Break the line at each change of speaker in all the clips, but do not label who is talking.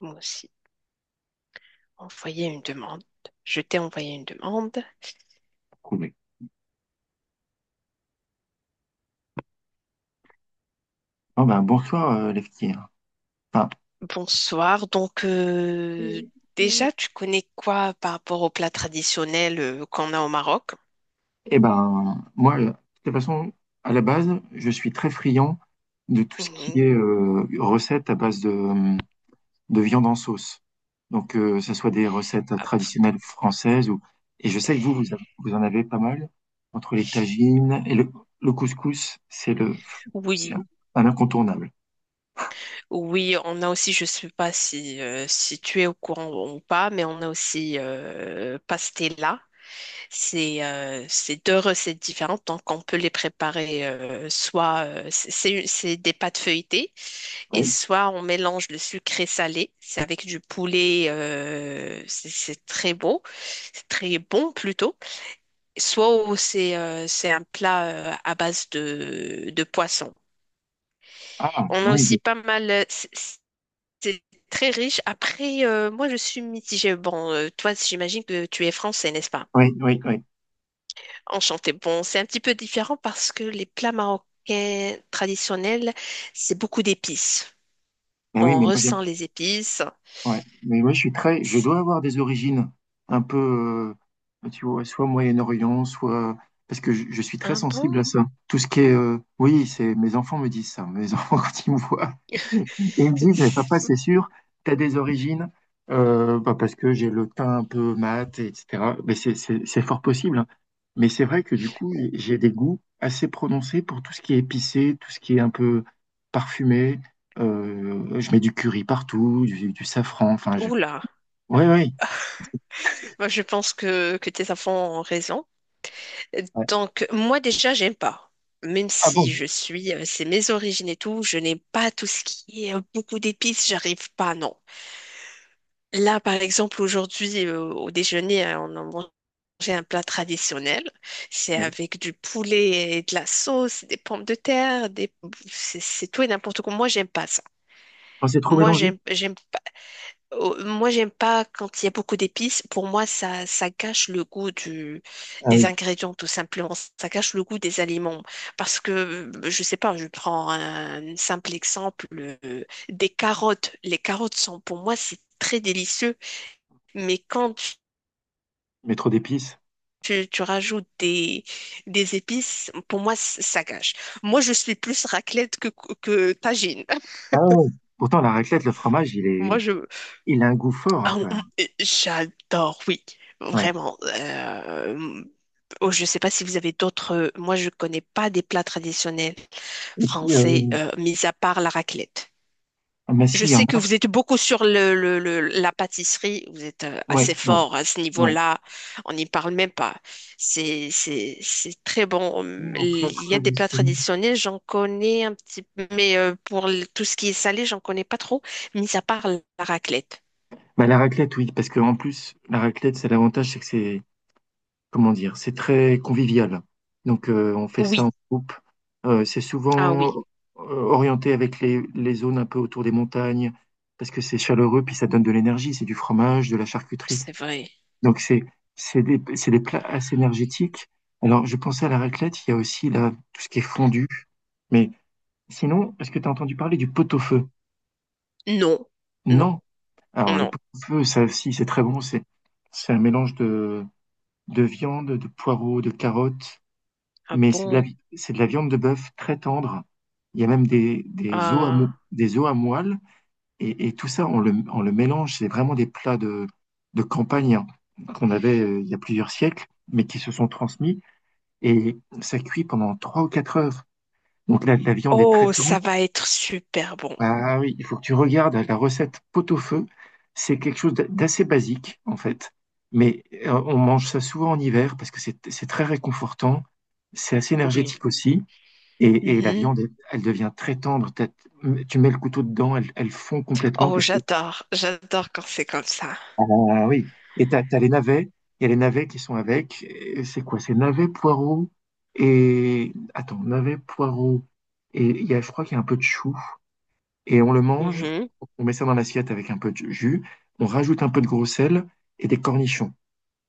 Moi aussi. Envoyer une demande. Je t'ai envoyé une demande.
Trouvé. Oh ben, bonsoir, les petits, hein. Enfin,
Bonsoir. Donc,
mm.
déjà, tu connais quoi par rapport aux plats traditionnels qu'on a au Maroc?
Eh ben, moi, de toute façon, à la base, je suis très friand de tout ce qui
Mhm.
est recettes à base de viande en sauce. Donc, ce soit des recettes
Ah,
traditionnelles françaises ou... Et je sais que vous en avez pas mal, entre les tagines et le couscous, c'est
oui,
un incontournable.
oui, on a aussi, je sais pas si, si tu es au courant ou pas, mais on a aussi pastella. C'est deux recettes différentes, donc on peut les préparer soit c'est des pâtes feuilletées et
Ouais.
soit on mélange le sucré salé. C'est avec du poulet, c'est très beau, c'est très bon plutôt. Soit au- c'est un plat à base de poisson.
Ah,
On a
oui,
aussi pas mal, c'est très riche. Après, moi je suis mitigée. Bon, toi j'imagine que tu es français, n'est-ce pas?
oui, oui, oui.
Enchanté. Bon, c'est un petit peu différent parce que les plats marocains traditionnels, c'est beaucoup d'épices.
Ben oui,
On
mais moi,
ressent
j'aime.
les épices.
Ouais, mais moi je suis très, je dois avoir des origines un peu, tu vois, soit Moyen-Orient, soit parce que je suis très
Ah
sensible à
bon?
ça. Tout ce qui est, oui, c'est mes enfants me disent ça. Mes enfants quand ils me voient, ils me disent, eh, papa, c'est sûr, t'as des origines, bah, parce que j'ai le teint un peu mat, etc. Mais c'est fort possible, hein. Mais c'est vrai que du coup, j'ai des goûts assez prononcés pour tout ce qui est épicé, tout ce qui est un peu parfumé. Je mets du curry partout, du safran, enfin je
Oula.
ouais, ouais,
Moi, je pense que tes enfants ont raison.
ouais.
Donc, moi, déjà, j'aime pas. Même
Ah bon?
si je suis, c'est mes origines et tout, je n'aime pas tout ce qui est beaucoup d'épices, j'arrive pas, non. Là, par exemple, aujourd'hui, au déjeuner, hein, on a mangé. J'ai un plat traditionnel, c'est
Ouais.
avec du poulet et de la sauce, des pommes de terre, des... c'est tout et n'importe quoi. Moi, j'aime pas ça.
Quand c'est trop
Moi,
mélangé?
j'aime, j'aime pas... Moi, j'aime pas quand il y a beaucoup d'épices. Pour moi, ça gâche le goût du...
Ah
des
oui,
ingrédients, tout simplement. Ça gâche le goût des aliments. Parce que, je sais pas, je prends un simple exemple, des carottes. Les carottes sont, pour moi, c'est très délicieux. Mais quand
je mets trop d'épices.
tu rajoutes des épices, pour moi, ça gâche. Moi, je suis plus raclette que tagine.
Ah ouais, ouais. Pourtant la raclette, le fromage, il
Moi,
est
je...
il a un goût fort, hein,
Ah, on-
quand
j'adore, oui,
ouais
vraiment. Oh, je ne sais pas si vous avez d'autres... moi, je ne connais pas des plats traditionnels
et puis,
français, mis à part la raclette.
bah,
Je
si, il y en
sais que
a
vous êtes beaucoup sur la pâtisserie, vous êtes
ouais,
assez
ouais,
fort à ce
ouais.
niveau-là, on n'y parle même pas. C'est très bon.
Et en plat
Il y a des plats
traditionnel?
traditionnels, j'en connais un petit peu, mais pour le- tout ce qui est salé, j'en connais pas trop, mis à part la raclette.
Bah, la raclette, oui, parce que en plus, la raclette, c'est l'avantage, c'est que c'est comment dire, c'est très convivial. Donc, on fait ça
Oui,
en groupe. C'est
ah
souvent
oui,
orienté avec les zones un peu autour des montagnes, parce que c'est chaleureux, puis ça donne de l'énergie. C'est du fromage, de la charcuterie.
c'est vrai.
Donc, c'est des plats assez énergétiques. Alors, je pensais à la raclette, il y a aussi là, tout ce qui est fondu. Mais sinon, est-ce que tu as entendu parler du pot-au-feu?
Non, non,
Non. Alors, le
non.
pot-au-feu, ça aussi, c'est très bon. C'est un mélange de viande, de poireaux, de carottes.
Ah
Mais c'est de la,
bon?
c'est de la viande de bœuf très tendre. Il y a même des os à,
Ah.
des os à moelle. Et tout ça, on le mélange. C'est vraiment des plats de campagne, hein, qu'on avait il y a plusieurs siècles, mais qui se sont transmis. Et ça cuit pendant trois ou quatre heures. Donc là, la viande est très
Oh,
tendre.
ça va être super bon.
Ah oui, il faut que tu regardes la recette pot-au-feu. C'est quelque chose d'assez basique, en fait. Mais on mange ça souvent en hiver parce que c'est très réconfortant. C'est assez
Oui.
énergétique aussi. Et la
Mhm.
viande, elle, elle devient très tendre. T'as- Tu mets le couteau dedans, elle, elle fond complètement
Oh,
parce que.
j'adore, j'adore quand c'est comme ça.
Ah oui. Et t'as, t'as les navets. Il y a les navets qui sont avec. Et c'est quoi? C'est navets, poireaux et. Attends, navets, poireaux. Et il y a, je crois qu'il y a un peu de chou. Et on le mange.
Mhm.
On met ça dans l'assiette avec un peu de jus. On rajoute un peu de gros sel et des cornichons.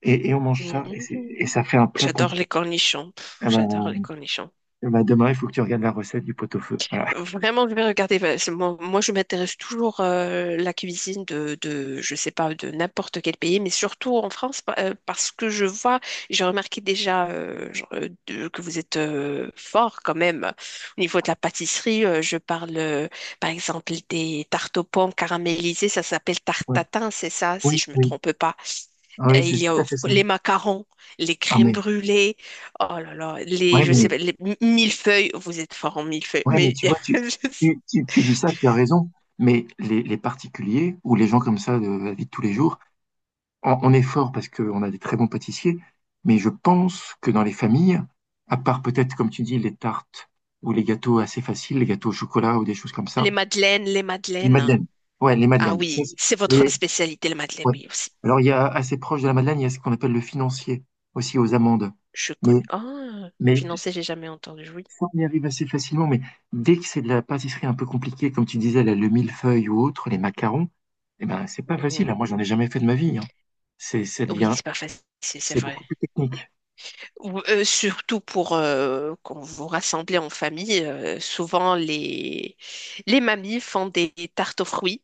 Et on mange ça. Et, et
Mhm.
ça fait un plat
J'adore les
complet.
cornichons. Pff,
Ah bah,
j'adore les cornichons.
ah bah, demain, il faut que tu regardes la recette du pot-au-feu. Voilà.
Vraiment, je vais regarder. Parce que moi, je m'intéresse toujours la cuisine de, je sais pas, de n'importe quel pays, mais surtout en France, parce que je vois, j'ai remarqué déjà que vous êtes fort quand même au niveau de la pâtisserie. Je parle, par exemple, des tartes aux pommes caramélisées. Ça s'appelle tarte
Ouais.
tatin, c'est ça, si
Oui,
je me
oui.
trompe pas.
Ah oui, c'est
Il y a
tout à fait ça.
les macarons, les
Ah,
crèmes
mais
brûlées, oh là là, les,
ouais,
je sais
mais,
pas, millefeuilles, vous êtes fort en millefeuilles,
ouais, mais
mais
tu vois,
je sais-
tu dis ça, tu as raison, mais les particuliers ou les gens comme ça de la vie de tous les jours, on est fort parce qu'on a des très bons pâtissiers, mais je pense que dans les familles, à part peut-être, comme tu dis, les tartes ou les gâteaux assez faciles, les gâteaux au chocolat ou des choses comme
les
ça,
madeleines, les
les
madeleines.
madeleines. Ouais, les
Ah
madeleines. Ça,
oui, c'est votre
les,
spécialité, les madeleines,
ouais.
oui aussi.
Alors, il y a assez proche de la madeleine, il y a ce qu'on appelle le financier, aussi aux amandes.
Je connais.
Mais,
Ah,
mais
financé, j'ai jamais entendu, oui.
ça, on y arrive assez facilement, mais dès que c'est de la pâtisserie un peu compliquée, comme tu disais, là, le millefeuille ou autre, les macarons, eh ben, c'est pas facile,
Mhm.
hein. Moi, j'en ai jamais fait de ma vie, hein. Ça
Oui,
devient,
c'est pas facile, c'est
c'est
vrai.
beaucoup plus technique.
Ou, surtout pour quand vous vous rassemblez en famille, souvent les mamies font des tartes aux fruits.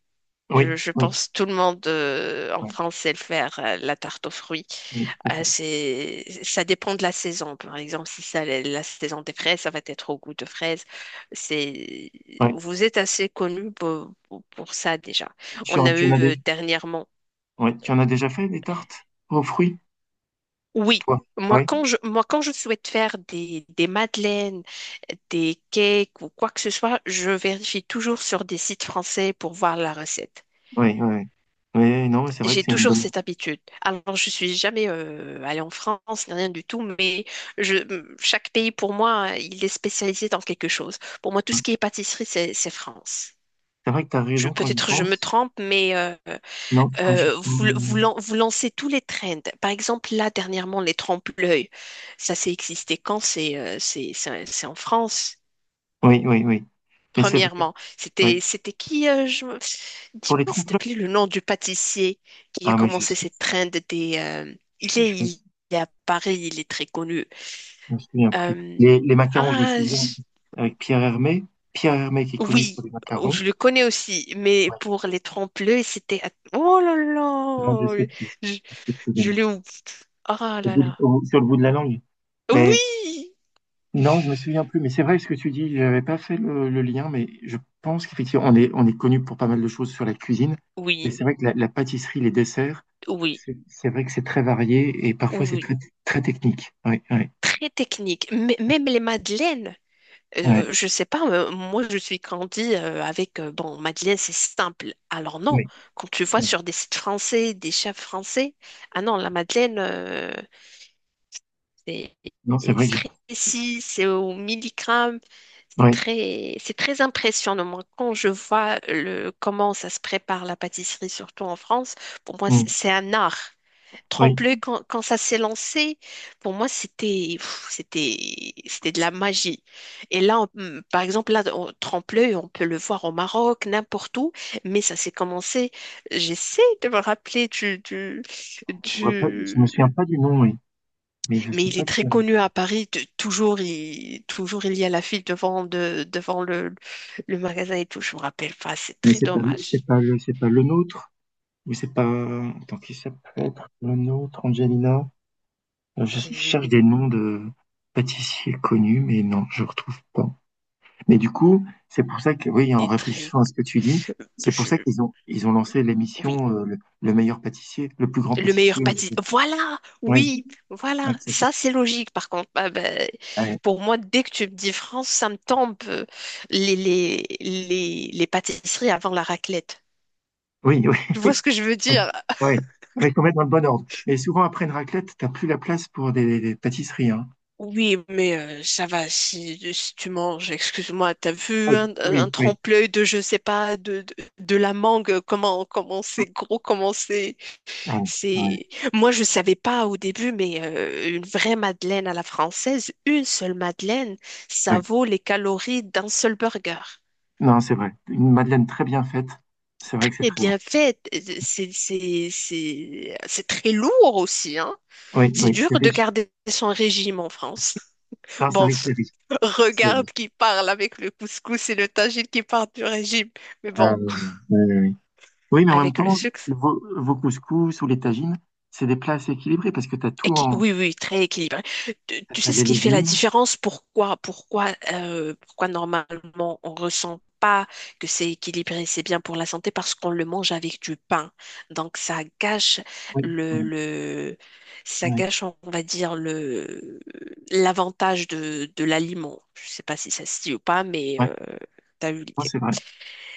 Oui,
Je
oui,
pense que tout le monde en
oui,
France sait le faire, la tarte aux fruits.
oui, tout à fait.
C'est, ça dépend de la saison. Par exemple, si c'est la saison des fraises, ça va être au goût de fraises. C'est,
Ouais.
vous êtes assez connu pour, pour ça déjà. On a
Tu en
eu
as déjà,
dernièrement.
oui, tu en as déjà fait des tartes aux fruits,
Oui,
toi? Oui,
moi quand je souhaite faire des madeleines, des cakes ou quoi que ce soit, je vérifie toujours sur des sites français pour voir la recette.
oui, oui. Oui, oui, oui, non, c'est vrai que
J'ai
c'est une
toujours
bonne.
cette habitude. Alors, je suis jamais allée en France, ni rien du tout, mais je, chaque pays, pour moi, il est spécialisé dans quelque chose. Pour moi, tout ce qui est pâtisserie, c'est France.
C'est vrai que tu as
Je,
raison quand j'y
peut-être je me
pense.
trompe, mais
Non, quand j'y pense.
vous, vous lancez tous les trends. Par exemple, là, dernièrement, les trompe-l'œil. Ça, c'est existé quand? C'est en France.
Oui, oui, oui. Mais c'est vrai.
Premièrement, c'était
Oui.
c'était qui
Pour les
dis-moi s'il te
trompe-l'œil.
plaît le nom du pâtissier qui a
Ah, mais
commencé cette trend des
je, je,
il est à Paris, il est très connu.
Je me souviens plus.
Euh,
Les macarons, je me
ah
souviens,
je-
avec Pierre Hermé. Pierre Hermé qui est connu
oui,
pour les
oh,
macarons.
je le connais aussi, mais
Ouais.
pour les trompe-l'œil, c'était à- oh là
Non, je sais
là,
plus.
je,
Je sais plus le
je
nom.
l'ai oublié. Ah
Au
là
bout de-
là.
au- sur le bout de la langue. Mais
Oui,
non, je me souviens plus. Mais c'est vrai ce que tu dis. J'avais pas fait le lien, mais je pense qu'effectivement, on est connu pour pas mal de choses sur la cuisine. Mais
oui,
c'est vrai que la pâtisserie, les desserts,
oui,
c'est vrai que c'est très varié et parfois c'est
oui,
très, très technique. Oui, oui,
très technique. M- même les madeleines.
oui,
Je sais pas, moi je suis grandie avec, bon, Madeleine c'est simple. Alors non,
oui.
quand tu vois sur des sites français, des chefs français, ah non, la Madeleine euh, c'est
Non, c'est
c'est
vrai que j'ai.
très précis, c'est au milligramme,
Oui,
c'est très impressionnant. Moi, quand je vois le, comment ça se prépare la pâtisserie, surtout en France, pour moi c'est
hum,
c'est un art
oui.
tremblé quand, quand ça s'est lancé. Pour moi, c'était pff, c'était de la magie. Et là, on- hmm, par exemple, là, on, tremblé, on peut le voir au Maroc, n'importe où. Mais ça s'est commencé. J'essaie de me rappeler du, du
Je vois pas, je me souviens
du.
pas du nom, oui, mais je
Mais
sais
il
pas
est très
qui.
connu à Paris. Toujours, il toujours il y a la file devant devant le magasin et tout. Je me rappelle pas. C'est
Mais
très
c'est pas,
dommage.
c'est pas le nôtre. Ou c'est pas. Attends, qui ça peut être le nôtre, Angelina? Je cherche
Mhm.
des noms de pâtissiers connus, mais non, je retrouve pas. Mais du coup, c'est pour ça que, oui,
Il
en
est très.
réfléchissant à ce que tu dis, c'est pour
Je...
ça qu'ils ont, ils ont lancé
oui.
l'émission le meilleur pâtissier, le plus grand
Le meilleur
pâtissier.
pâtissier. Voilà,
Oui,
oui,
ouais,
voilà.
que ça,
Ça, c'est logique, par contre. Ah ben,
ouais.
pour moi, dès que tu me dis France, ça me tombe les pâtisseries avant la raclette.
Oui, oui.
Tu vois ce que je veux dire?
Oui, mais quand même dans le bon ordre. Mais souvent, après une raclette, t'as plus la place pour des pâtisseries, hein.
Oui, mais ça va, si, si tu manges, excuse-moi, t'as vu
Oui,
un
oui, oui.
trempe-l'œil de, je sais pas, de la mangue, comment c'est gros, comment c'est...
Ouais, ouais,
C'est moi je ne savais pas au début mais une vraie madeleine à la française, une seule madeleine, ça
ouais.
vaut les calories d'un seul burger.
Non, c'est vrai. Une madeleine très bien faite, c'est vrai que c'est
Et
très bon.
bien fait, euh, c'est très lourd aussi hein.
Oui,
C'est
oui,
dur
c'est
de
riche.
garder son régime en France.
Non, c'est
Bon,
vrai que c'est
pff,
riche. C'est riche.
regarde qui parle avec le couscous et le tagine qui parle du régime. Mais
Euh,
bon,
oui, oui. Oui, mais en même
avec le
temps,
sucre.
vos couscous ou les tagines, c'est des plats assez équilibrés parce que tu as tout
Équi-
en...
oui, oui, très équilibré. Tu
T'as
sais ce
les
qui fait la
légumes.
différence? Pourquoi normalement on ressent pas que c'est équilibré, c'est bien pour la santé parce qu'on le mange avec du pain. Donc ça gâche
Oui,
le,
oui,
le ça
oui.
gâche, on va dire le l'avantage de l'aliment. Je sais pas si ça se dit ou pas, mais
Ouais.
tu as eu
Non,
l'idée,
c'est
quoi.
vrai,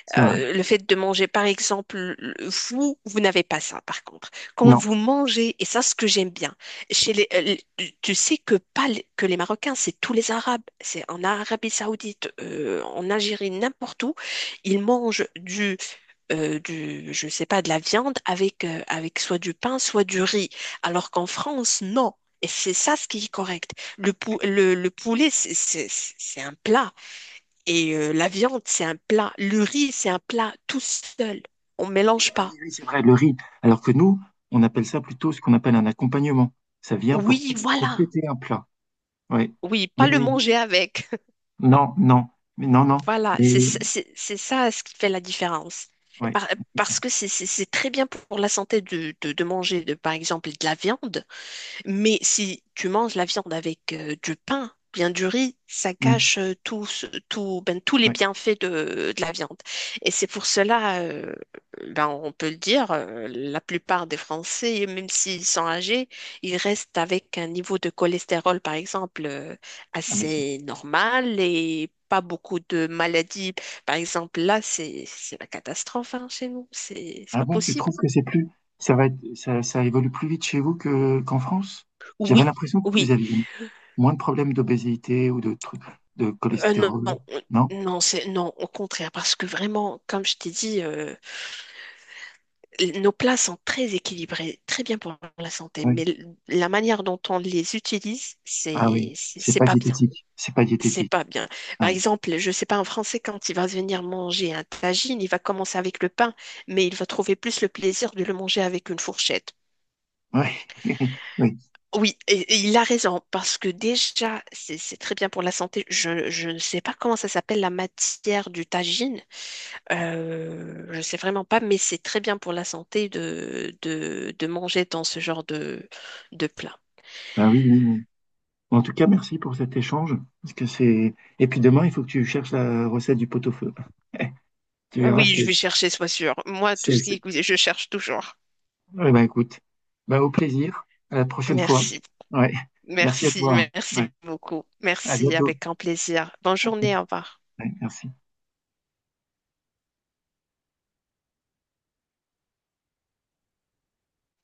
c'est vrai.
Le fait de manger, par exemple, le- vous, vous n'avez pas ça, par contre. Quand
Non.
vous mangez, et ça, ce que j'aime bien, chez les, tu sais que pas les- que les Marocains, c'est tous les Arabes, c'est en Arabie Saoudite, en Algérie, n'importe où, ils mangent du, je sais pas, de la viande avec, avec soit du pain, soit du riz, alors qu'en France, non. Et c'est ça ce qui est correct.
Mais-
Le poulet, c'est un plat. Et la viande, c'est un plat. Le riz, c'est un plat tout seul. On ne
mais,
mélange
ah oui,
pas.
oui, c'est vrai, le riz. Alors que nous, on appelle ça plutôt ce qu'on appelle un accompagnement. Ça vient pour
Oui, voilà.
compléter un plat. Oui,
Oui, pas
oui,
le
oui.
manger avec.
Non, non, mais non, non.
Voilà, c'est ça ce qui fait la différence. Et
Ouais,
par-
c'est ça.
Parce que c'est très bien pour la santé de manger, de, par exemple, de la viande. Mais si tu manges la viande avec du pain, bien du riz, ça
Mm,
gâche tout, tout, ben, tous les
ouais.
bienfaits de la viande. Et c'est pour cela, ben, on peut le dire, la plupart des Français, même s'ils sont âgés, ils restent avec un niveau de cholestérol, par exemple,
Ah, mais c'est...
assez normal et pas beaucoup de maladies. Par exemple, là, c'est la catastrophe hein, chez nous. C'est
ah
pas
bon, tu
possible.
trouves que c'est plus, ça va être, ça évolue plus vite chez vous que, qu'en France? J'avais
Oui,
l'impression que vous
oui.
aviez eu moins de problèmes d'obésité ou de trucs, de
Euh, non,
cholestérol.
non,
Non?
non, c'est non, au contraire, parce que vraiment, comme je t'ai dit, nos plats sont très équilibrés, très bien pour la santé,
Oui.
mais la manière dont on les utilise,
Ah oui. C'est
c'est
pas
pas bien.
diététique. C'est pas
C'est
diététique.
pas bien.
Ouais.
Par exemple, je sais pas, un Français, quand il va venir manger un tagine, il va commencer avec le pain, mais il va trouver plus le plaisir de le manger avec une fourchette.
Ouais. Oui. Oui. Oui.
Oui, et il a raison, parce que déjà, c'est très bien pour la santé. Je ne sais pas comment ça s'appelle la matière du tagine, je ne sais vraiment pas, mais c'est très bien pour la santé de manger dans ce genre de plat.
Ah oui, oui, oui. En tout cas, merci pour cet échange. Parce que c'est, et puis demain, il faut que tu cherches la recette du pot-au-feu. Tu verras,
Oui, je vais chercher, sois sûr. Moi, tout
c'est,
ce qui est cuisine, je cherche toujours.
eh ben, écoute, ben, au plaisir. À la prochaine fois.
Merci,
Ouais. Merci à
merci,
toi.
merci
Ouais.
beaucoup.
À
Merci,
bientôt.
avec un plaisir. Bonne journée, au revoir.
Ouais, merci.